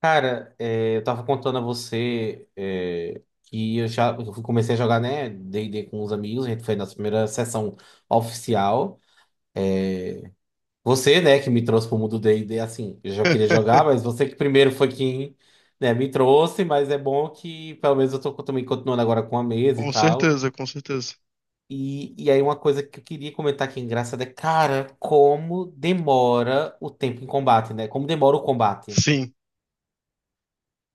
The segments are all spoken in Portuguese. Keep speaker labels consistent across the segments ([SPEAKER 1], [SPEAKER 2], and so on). [SPEAKER 1] Cara, eu tava contando a você que eu já comecei a jogar, né, D&D com os amigos, a gente foi na primeira sessão oficial. Você, né, que me trouxe pro mundo D&D, assim, eu já queria jogar, mas você que primeiro foi quem, né, me trouxe, mas é bom que pelo menos eu tô também continuando agora com a mesa e
[SPEAKER 2] Com
[SPEAKER 1] tal.
[SPEAKER 2] certeza, com certeza.
[SPEAKER 1] E aí uma coisa que eu queria comentar aqui é engraçada cara, como demora o tempo em combate, né? Como demora o combate.
[SPEAKER 2] Sim,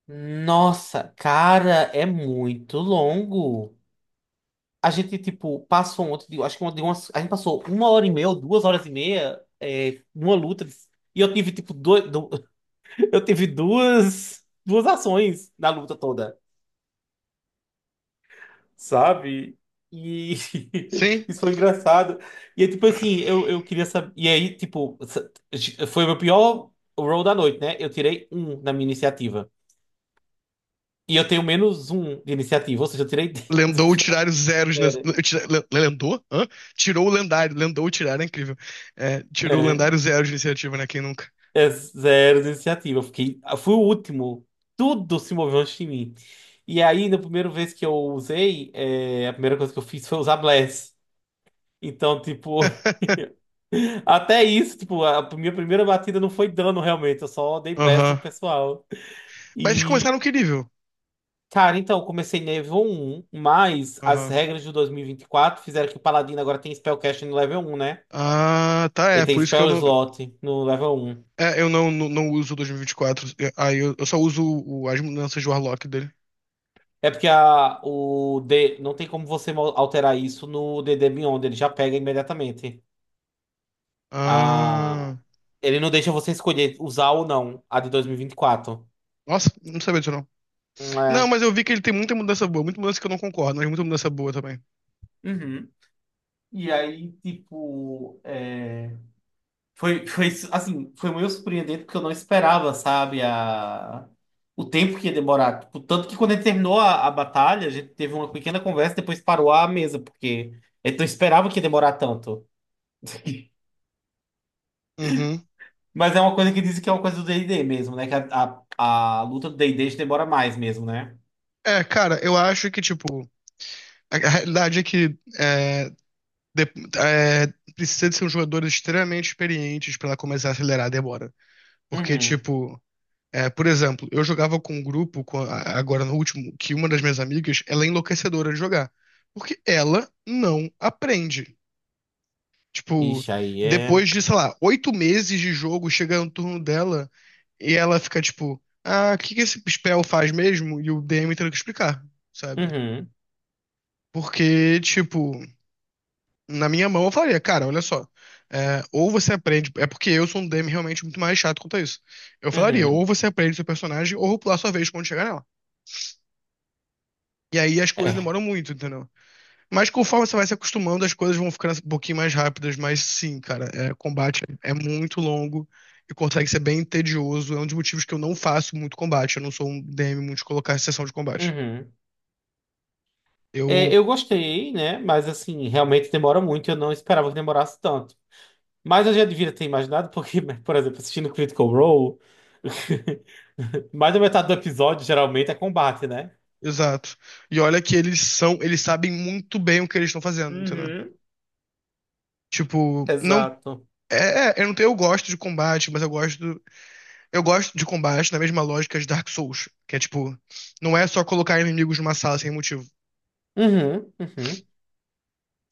[SPEAKER 1] Nossa, cara, é muito longo. A gente, tipo, passou ontem, acho que a gente passou uma hora e meia ou duas horas e meia numa luta. E eu tive, tipo, eu tive duas ações na luta toda, sabe? E
[SPEAKER 2] sim.
[SPEAKER 1] isso foi engraçado. E é tipo assim, eu queria saber. E aí, tipo, foi o meu pior roll da noite, né? Eu tirei um na minha iniciativa. E eu tenho menos um de iniciativa, ou seja, eu tirei do
[SPEAKER 2] Lendou
[SPEAKER 1] final.
[SPEAKER 2] tirar os zeros. Lendou? Hã? Tirou o lendário. Lendou tirar, é incrível. É, tirou o
[SPEAKER 1] É,
[SPEAKER 2] lendário zero de iniciativa, né? Quem nunca?
[SPEAKER 1] é zero iniciativa. Eu fui o último. Tudo se moveu antes de mim. E aí, na primeira vez que eu usei, a primeira coisa que eu fiz foi usar Bless. Então, tipo, até isso, tipo, a minha primeira batida não foi dano realmente, eu só dei Bless no
[SPEAKER 2] Aham.
[SPEAKER 1] pessoal.
[SPEAKER 2] Mas vocês começaram
[SPEAKER 1] E,
[SPEAKER 2] que nível?
[SPEAKER 1] cara, então, eu comecei nível um. Mas as
[SPEAKER 2] Aham.
[SPEAKER 1] regras de 2024 fizeram que o Paladino agora tem Spellcasting no level um, né?
[SPEAKER 2] Ah, tá, é.
[SPEAKER 1] Ele tem
[SPEAKER 2] Por isso que eu
[SPEAKER 1] Spell
[SPEAKER 2] não.
[SPEAKER 1] Slot no level um.
[SPEAKER 2] É, eu não uso o 2024. É, aí eu só uso as mudanças de Warlock dele.
[SPEAKER 1] É porque não tem como você alterar isso no DD Beyond, ele já pega imediatamente. A,
[SPEAKER 2] Ah.
[SPEAKER 1] ele não deixa você escolher usar ou não a de 2024.
[SPEAKER 2] Nossa, não sabia disso não. Não,
[SPEAKER 1] É.
[SPEAKER 2] mas eu vi que ele tem muita mudança boa. Muita mudança que eu não concordo, mas muita mudança boa também.
[SPEAKER 1] Uhum. E aí, tipo, foi, assim, foi meio surpreendente porque eu não esperava, sabe, o tempo que ia demorar. Tipo, tanto que quando a gente terminou a batalha, a gente teve uma pequena conversa e depois parou a mesa, porque a gente não esperava que ia demorar tanto.
[SPEAKER 2] Uhum.
[SPEAKER 1] Mas é uma coisa que dizem que é uma coisa do D&D mesmo, né? Que a luta do D&D já demora mais mesmo, né?
[SPEAKER 2] É, cara, eu acho que, tipo, a realidade é que de- é, precisa de ser um jogador extremamente experiente pra ela começar a acelerar a demora. Porque,
[SPEAKER 1] Uhum.
[SPEAKER 2] tipo, é, por exemplo, eu jogava com um grupo, agora no último, que uma das minhas amigas, ela é enlouquecedora de jogar. Porque ela não aprende. Tipo,
[SPEAKER 1] Ixi, aí é...
[SPEAKER 2] depois de, sei lá, oito meses de jogo, chega no turno dela e ela fica tipo, ah, o que que esse spell faz mesmo? E o DM tendo que explicar, sabe?
[SPEAKER 1] Uhum,
[SPEAKER 2] Porque, tipo, na minha mão eu falaria, cara, olha só, é, ou você aprende, é porque eu sou um DM realmente muito mais chato quanto a isso. Eu falaria, ou
[SPEAKER 1] uhum.
[SPEAKER 2] você aprende seu personagem, ou eu vou pular sua vez quando chegar nela. E aí as coisas
[SPEAKER 1] É,
[SPEAKER 2] demoram muito, entendeu? Mas conforme você vai se acostumando, as coisas vão ficando um pouquinho mais rápidas. Mas sim, cara, é, combate é muito longo e consegue ser bem tedioso. É um dos motivos que eu não faço muito combate. Eu não sou um DM muito de colocar em sessão de combate.
[SPEAKER 1] uhum. É,
[SPEAKER 2] Eu.
[SPEAKER 1] eu gostei, né? Mas, assim, realmente demora muito. Eu não esperava que demorasse tanto. Mas eu já devia ter imaginado, porque, por exemplo, assistindo Critical Role, mais da metade do episódio geralmente é combate, né?
[SPEAKER 2] Exato. E olha que eles são. Eles sabem muito bem o que eles estão fazendo, entendeu?
[SPEAKER 1] Uhum,
[SPEAKER 2] Tipo, não.
[SPEAKER 1] exato.
[SPEAKER 2] Eu não tenho, eu gosto de combate, mas eu gosto. Eu gosto de combate na mesma lógica de Dark Souls, que é tipo, não é só colocar inimigos numa sala sem motivo.
[SPEAKER 1] Uhum, uhum.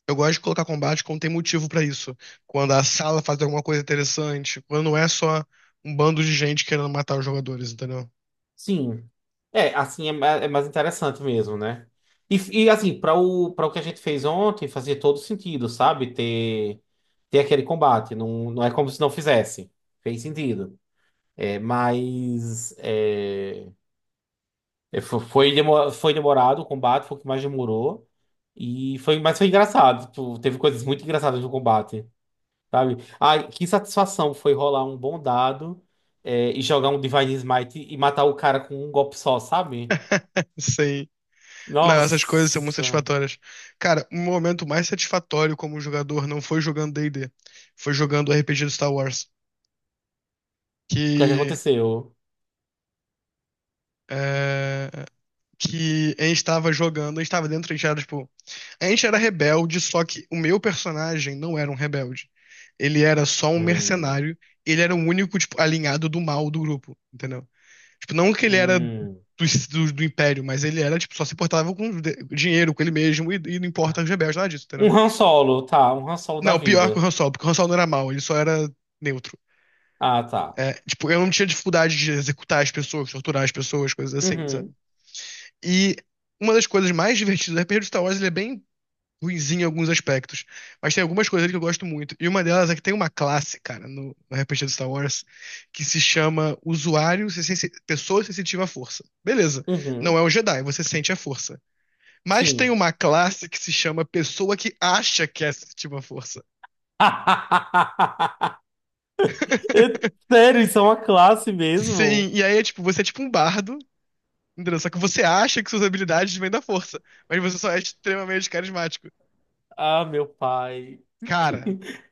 [SPEAKER 2] Eu gosto de colocar combate quando tem motivo pra isso. Quando a sala faz alguma coisa interessante, quando não é só um bando de gente querendo matar os jogadores, entendeu?
[SPEAKER 1] Sim. É, assim é, é mais interessante mesmo, né? E, e, assim, para o que a gente fez ontem, fazia todo sentido, sabe? Ter aquele combate. Não, não é como se não fizesse. Fez sentido. É, mas foi demorado o combate, foi o que mais demorou. E foi, mas foi engraçado. Tipo, teve coisas muito engraçadas no combate, sabe? Ai, que satisfação foi rolar um bom dado e jogar um Divine Smite e matar o cara com um golpe só, sabe?
[SPEAKER 2] Sei. Não, essas coisas são muito
[SPEAKER 1] Nossa, o
[SPEAKER 2] satisfatórias. Cara, o meu momento mais satisfatório como jogador não foi jogando D&D, foi jogando RPG do Star Wars,
[SPEAKER 1] que é que
[SPEAKER 2] que
[SPEAKER 1] aconteceu?
[SPEAKER 2] é, que a gente tava jogando, a gente tava dentro, a gente era, tipo, a gente era rebelde, só que o meu personagem não era um rebelde. Ele era só um
[SPEAKER 1] Hum,
[SPEAKER 2] mercenário, ele era o único, tipo, alinhado do mal do grupo, entendeu? Tipo, não que ele era do,
[SPEAKER 1] hum.
[SPEAKER 2] do, do império, mas ele era, tipo, só se portava com dinheiro, com ele mesmo, e, não importa os rebeldes, nada disso,
[SPEAKER 1] Um
[SPEAKER 2] entendeu?
[SPEAKER 1] Han Solo, tá, um Han Solo da
[SPEAKER 2] Não, pior que o
[SPEAKER 1] vida.
[SPEAKER 2] Han Solo, porque o Han Solo não era mal, ele só era neutro.
[SPEAKER 1] Ah, tá.
[SPEAKER 2] É, tipo, eu não tinha dificuldade de executar as pessoas, torturar as pessoas, coisas assim, sabe?
[SPEAKER 1] Uhum,
[SPEAKER 2] E uma das coisas mais divertidas do RPG de Star Wars, ele é bem ruinzinho em alguns aspectos. Mas tem algumas coisas ali que eu gosto muito. E uma delas é que tem uma classe, cara, no, RPG do Star Wars, que se chama Usuário, Pessoa Sensitiva à Força. Beleza. Não
[SPEAKER 1] uhum,
[SPEAKER 2] é um Jedi, você sente a força. Mas tem
[SPEAKER 1] sim.
[SPEAKER 2] uma classe que se chama Pessoa que acha que é sensitiva à força.
[SPEAKER 1] É, sério, isso é uma classe
[SPEAKER 2] Sim,
[SPEAKER 1] mesmo?
[SPEAKER 2] e aí é tipo, você é tipo um bardo, entendeu? Só que você acha que suas habilidades vêm da força, mas você só é extremamente carismático.
[SPEAKER 1] Ah, meu pai.
[SPEAKER 2] Cara,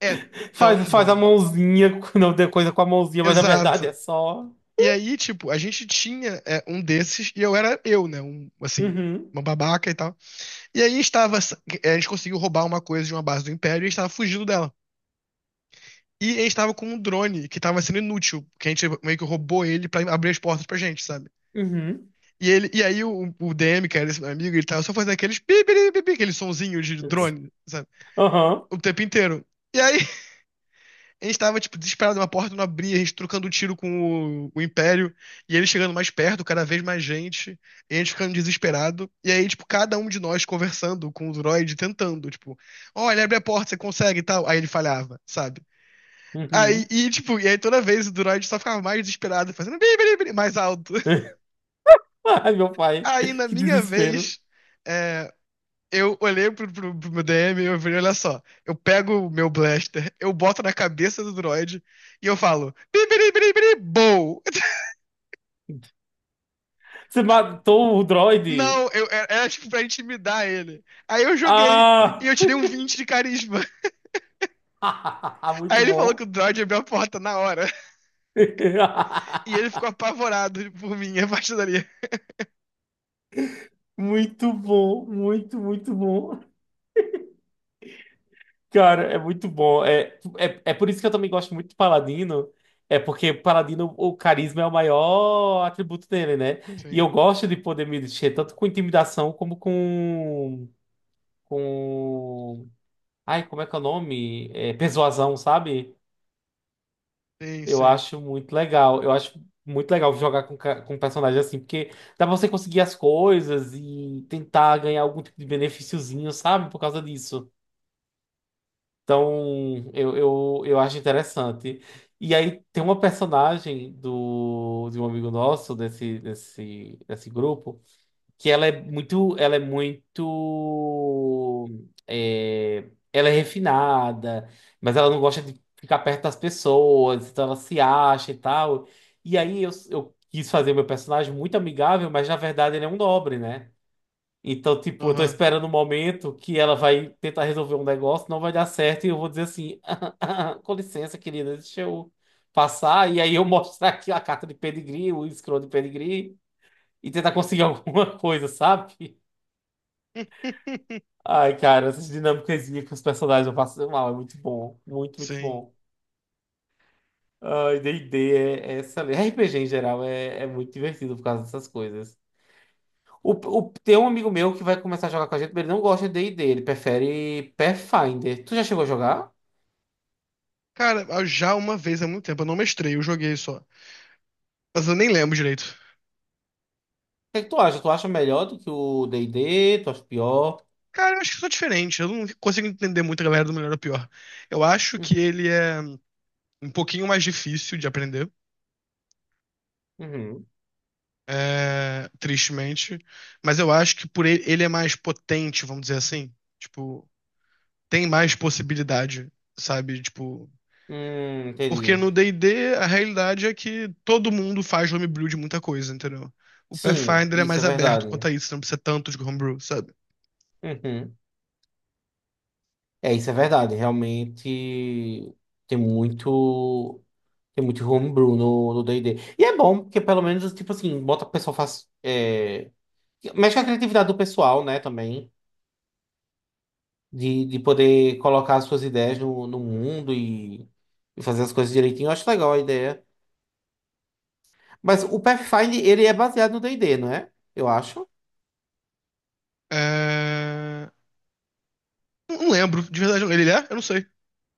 [SPEAKER 2] é tão
[SPEAKER 1] Faz, faz a
[SPEAKER 2] bom.
[SPEAKER 1] mãozinha, não tem coisa com a mãozinha, mas na verdade é
[SPEAKER 2] Exato.
[SPEAKER 1] só.
[SPEAKER 2] E aí, tipo, a gente tinha é, um desses e eu era eu, né? Um, assim,
[SPEAKER 1] Uhum,
[SPEAKER 2] uma babaca e tal. E aí estava, a gente conseguiu roubar uma coisa de uma base do Império e a gente estava fugindo dela. E a gente estava com um drone que estava sendo inútil, que a gente meio que roubou ele pra abrir as portas pra gente, sabe?
[SPEAKER 1] uhum,
[SPEAKER 2] E aí o DM, que era esse meu amigo, ele tava só fazendo aqueles pi, pi, pi, pi, aquele sonzinho de drone, sabe?
[SPEAKER 1] aham,
[SPEAKER 2] O tempo inteiro. E aí a gente tava, tipo, desesperado, uma porta não abria, a gente trocando tiro com o Império, e ele chegando mais perto, cada vez mais gente, e a gente ficando desesperado. E aí, tipo, cada um de nós conversando com o droid, tentando, tipo, olha, abre a porta, você consegue e tal. Aí ele falhava, sabe? Aí,
[SPEAKER 1] uhum.
[SPEAKER 2] e, tipo, e aí toda vez o droid só ficava mais desesperado, fazendo bim, bim, bim, mais alto.
[SPEAKER 1] Ai, meu pai,
[SPEAKER 2] Aí, na
[SPEAKER 1] que
[SPEAKER 2] minha
[SPEAKER 1] desespero.
[SPEAKER 2] vez, é, eu olhei pro meu DM e eu falei, olha só, eu pego o meu blaster, eu boto na cabeça do droid e eu falo, bibiribiribiri.
[SPEAKER 1] Você matou o droide?
[SPEAKER 2] Não, era tipo pra intimidar ele. Aí eu joguei e
[SPEAKER 1] Ah!
[SPEAKER 2] eu tirei um 20 de carisma. Aí
[SPEAKER 1] Muito
[SPEAKER 2] ele falou que
[SPEAKER 1] bom.
[SPEAKER 2] o droid abriu a porta na hora e ele ficou apavorado por mim a partir dali.
[SPEAKER 1] Muito bom, muito, muito bom. Cara, é muito bom. É por isso que eu também gosto muito de Paladino. É porque Paladino, o carisma é o maior atributo dele, né? E
[SPEAKER 2] Sim,
[SPEAKER 1] eu gosto de poder me mexer tanto com intimidação como com. Com. Ai, como é que é o nome? É, persuasão, sabe?
[SPEAKER 2] sim,
[SPEAKER 1] Eu
[SPEAKER 2] sim.
[SPEAKER 1] acho muito legal. Eu acho muito legal jogar com personagem assim, porque dá pra você conseguir as coisas e tentar ganhar algum tipo de benefíciozinho, sabe? Por causa disso. Então, eu acho interessante. E aí tem uma personagem de um amigo nosso, desse grupo, que ela é refinada, mas ela não gosta de ficar perto das pessoas, então ela se acha e tal. E aí eu quis fazer meu personagem muito amigável, mas na verdade ele é um nobre, né? Então, tipo, eu tô
[SPEAKER 2] Aham.
[SPEAKER 1] esperando o momento que ela vai tentar resolver um negócio, não vai dar certo, e eu vou dizer assim, com licença, querida, deixa eu passar, e aí eu mostrar aqui a carta de pedigree, o escroto de pedigree, e tentar conseguir alguma coisa, sabe? Ai, cara, essas dinâmicas com os personagens eu passo mal, é muito bom. Muito, muito
[SPEAKER 2] Sim.
[SPEAKER 1] bom. Ai, D&D é excelente. RPG em geral é muito divertido por causa dessas coisas. Tem um amigo meu que vai começar a jogar com a gente, mas ele não gosta de D&D, ele prefere Pathfinder. Tu já chegou a jogar? O
[SPEAKER 2] Cara, já uma vez há muito tempo, eu não mestrei, eu joguei só. Mas eu nem lembro direito.
[SPEAKER 1] que é que tu acha? Tu acha melhor do que o D&D? Tu acha pior?
[SPEAKER 2] Cara, eu acho que eu sou diferente. Eu não consigo entender muito a galera do melhor ou pior. Eu acho que
[SPEAKER 1] Uhum,
[SPEAKER 2] ele é um pouquinho mais difícil de aprender,
[SPEAKER 1] uhum.
[SPEAKER 2] é, tristemente. Mas eu acho que por ele, ele é mais potente, vamos dizer assim. Tipo, tem mais possibilidade, sabe? Tipo, porque
[SPEAKER 1] Entendi.
[SPEAKER 2] no D&D a realidade é que todo mundo faz homebrew de muita coisa, entendeu? O
[SPEAKER 1] Sim,
[SPEAKER 2] Pathfinder é
[SPEAKER 1] isso é
[SPEAKER 2] mais aberto quanto
[SPEAKER 1] verdade.
[SPEAKER 2] a isso, não precisa tanto de homebrew, sabe?
[SPEAKER 1] Uhum. É, isso é verdade. Realmente tem muito. Tem muito homebrew no D&D. E D. E é bom, porque pelo menos, tipo assim, bota o pessoal faz. Mexe com a criatividade do pessoal, né, também. De poder colocar as suas ideias no mundo e fazer as coisas direitinho. Eu acho legal a ideia. Mas o Pathfinder, ele é baseado no D&D, não é? Eu acho.
[SPEAKER 2] É, não não lembro, de verdade. Ele é? Eu não sei.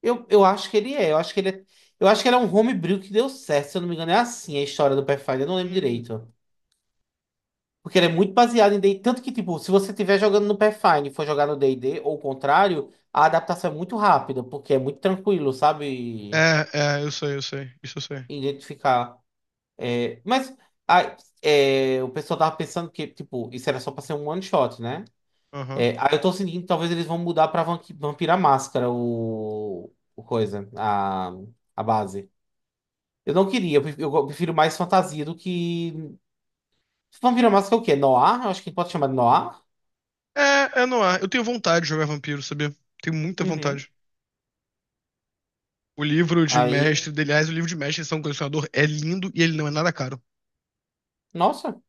[SPEAKER 1] Eu acho que ele é. Eu acho que ele é. Eu acho que ele é um homebrew que deu certo, se eu não me engano. É assim a história do Pathfinder, eu não lembro
[SPEAKER 2] Hum.
[SPEAKER 1] direito. Porque ele é muito baseado em D&D. Tanto que, tipo, se você estiver jogando no Pathfinder e for jogar no D&D, ou o contrário, a adaptação é muito rápida, porque é muito tranquilo, sabe?
[SPEAKER 2] Eu sei, eu sei. Isso eu sei.
[SPEAKER 1] Identificar. É, mas a- o pessoal tava pensando que, tipo, isso era só pra ser um one shot, né?
[SPEAKER 2] Aham.
[SPEAKER 1] É, aí eu tô sentindo que talvez eles vão mudar pra Vampira Máscara o coisa, a base. Eu não queria, eu prefiro mais fantasia do que... Vampira Máscara é o quê? Noir? Eu acho que pode chamar de Noir.
[SPEAKER 2] É, é no ar. Eu tenho vontade de jogar vampiro, sabia? Tenho muita
[SPEAKER 1] Uhum.
[SPEAKER 2] vontade. O livro de
[SPEAKER 1] Aí
[SPEAKER 2] mestre, aliás, o livro de mestre de São um Colecionador é lindo e ele não é nada caro.
[SPEAKER 1] Nossa,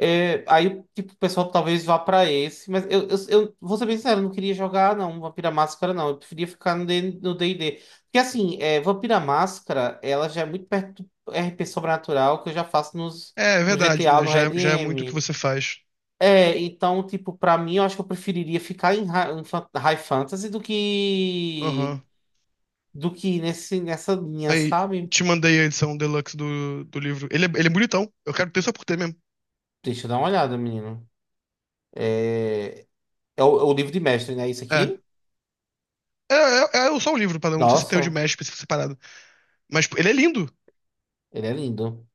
[SPEAKER 1] aí tipo, o pessoal talvez vá pra esse, mas eu vou ser bem sincero, eu não queria jogar não, Vampira Máscara não, eu preferia ficar no D e D. Porque assim, Vampira Máscara, ela já é muito perto do RP Sobrenatural que eu já faço nos,
[SPEAKER 2] É, é
[SPEAKER 1] no
[SPEAKER 2] verdade,
[SPEAKER 1] GTA,
[SPEAKER 2] né?
[SPEAKER 1] no
[SPEAKER 2] Já,
[SPEAKER 1] Red
[SPEAKER 2] já é muito o que
[SPEAKER 1] M.
[SPEAKER 2] você faz.
[SPEAKER 1] É, então, tipo, pra mim, eu acho que eu preferiria ficar em High Fantasy do que
[SPEAKER 2] Aham.
[SPEAKER 1] do que nessa linha,
[SPEAKER 2] Aí,
[SPEAKER 1] sabe?
[SPEAKER 2] te mandei a edição deluxe do livro. Ele é bonitão. Eu quero ter só por ter mesmo.
[SPEAKER 1] Deixa eu dar uma olhada, menino. É, é o livro de mestre, né? Isso
[SPEAKER 2] É.
[SPEAKER 1] aqui?
[SPEAKER 2] É, é só o livro, padrão. Não sei se tem o de
[SPEAKER 1] Nossa.
[SPEAKER 2] mestre específico separado. Mas pô, ele é lindo.
[SPEAKER 1] Ele é lindo.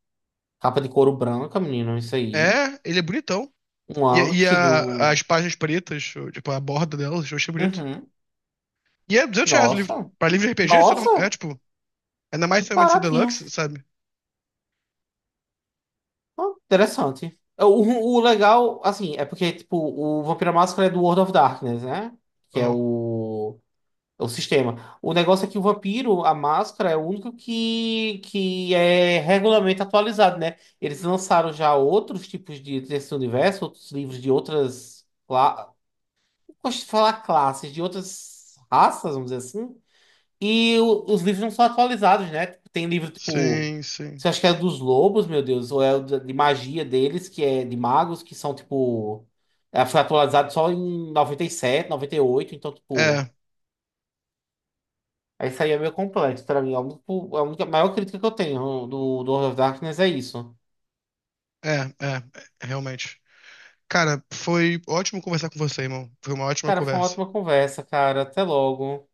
[SPEAKER 1] Capa de couro branca, menino, isso aí.
[SPEAKER 2] É, ele é bonitão.
[SPEAKER 1] Um
[SPEAKER 2] E,
[SPEAKER 1] Anki do.
[SPEAKER 2] as páginas pretas, tipo, a borda delas, eu achei bonito.
[SPEAKER 1] Uhum.
[SPEAKER 2] E é R$ 200 o livro.
[SPEAKER 1] Nossa.
[SPEAKER 2] Pra livro de RPG, isso é, é,
[SPEAKER 1] Nossa.
[SPEAKER 2] tipo. Ainda mais se é uma edição
[SPEAKER 1] Baratinho.
[SPEAKER 2] deluxe, sabe?
[SPEAKER 1] Ah, interessante. O legal, assim, é porque, tipo, o Vampira Máscara é do World of Darkness, né? Que é
[SPEAKER 2] Aham.
[SPEAKER 1] o. É o sistema. O negócio é que o vampiro, a máscara, é o único que é regularmente atualizado, né? Eles lançaram já outros tipos de desse universo, outros livros de gosto de falar classes de outras raças, vamos dizer assim. Os livros não são atualizados, né? Tipo, tem livro tipo.
[SPEAKER 2] Sim, sim.
[SPEAKER 1] Você acha que é dos lobos, meu Deus? Ou é o de magia deles, que é de magos, que são tipo. Foi atualizado só em 97, 98, então, tipo.
[SPEAKER 2] É,
[SPEAKER 1] Aí Isso aí é meio complexo pra mim. A única, maior crítica que eu tenho do World of Darkness é isso.
[SPEAKER 2] é, é, é, realmente. Cara, foi ótimo conversar com você, irmão. Foi uma ótima
[SPEAKER 1] Cara, foi uma
[SPEAKER 2] conversa.
[SPEAKER 1] ótima conversa, cara. Até logo.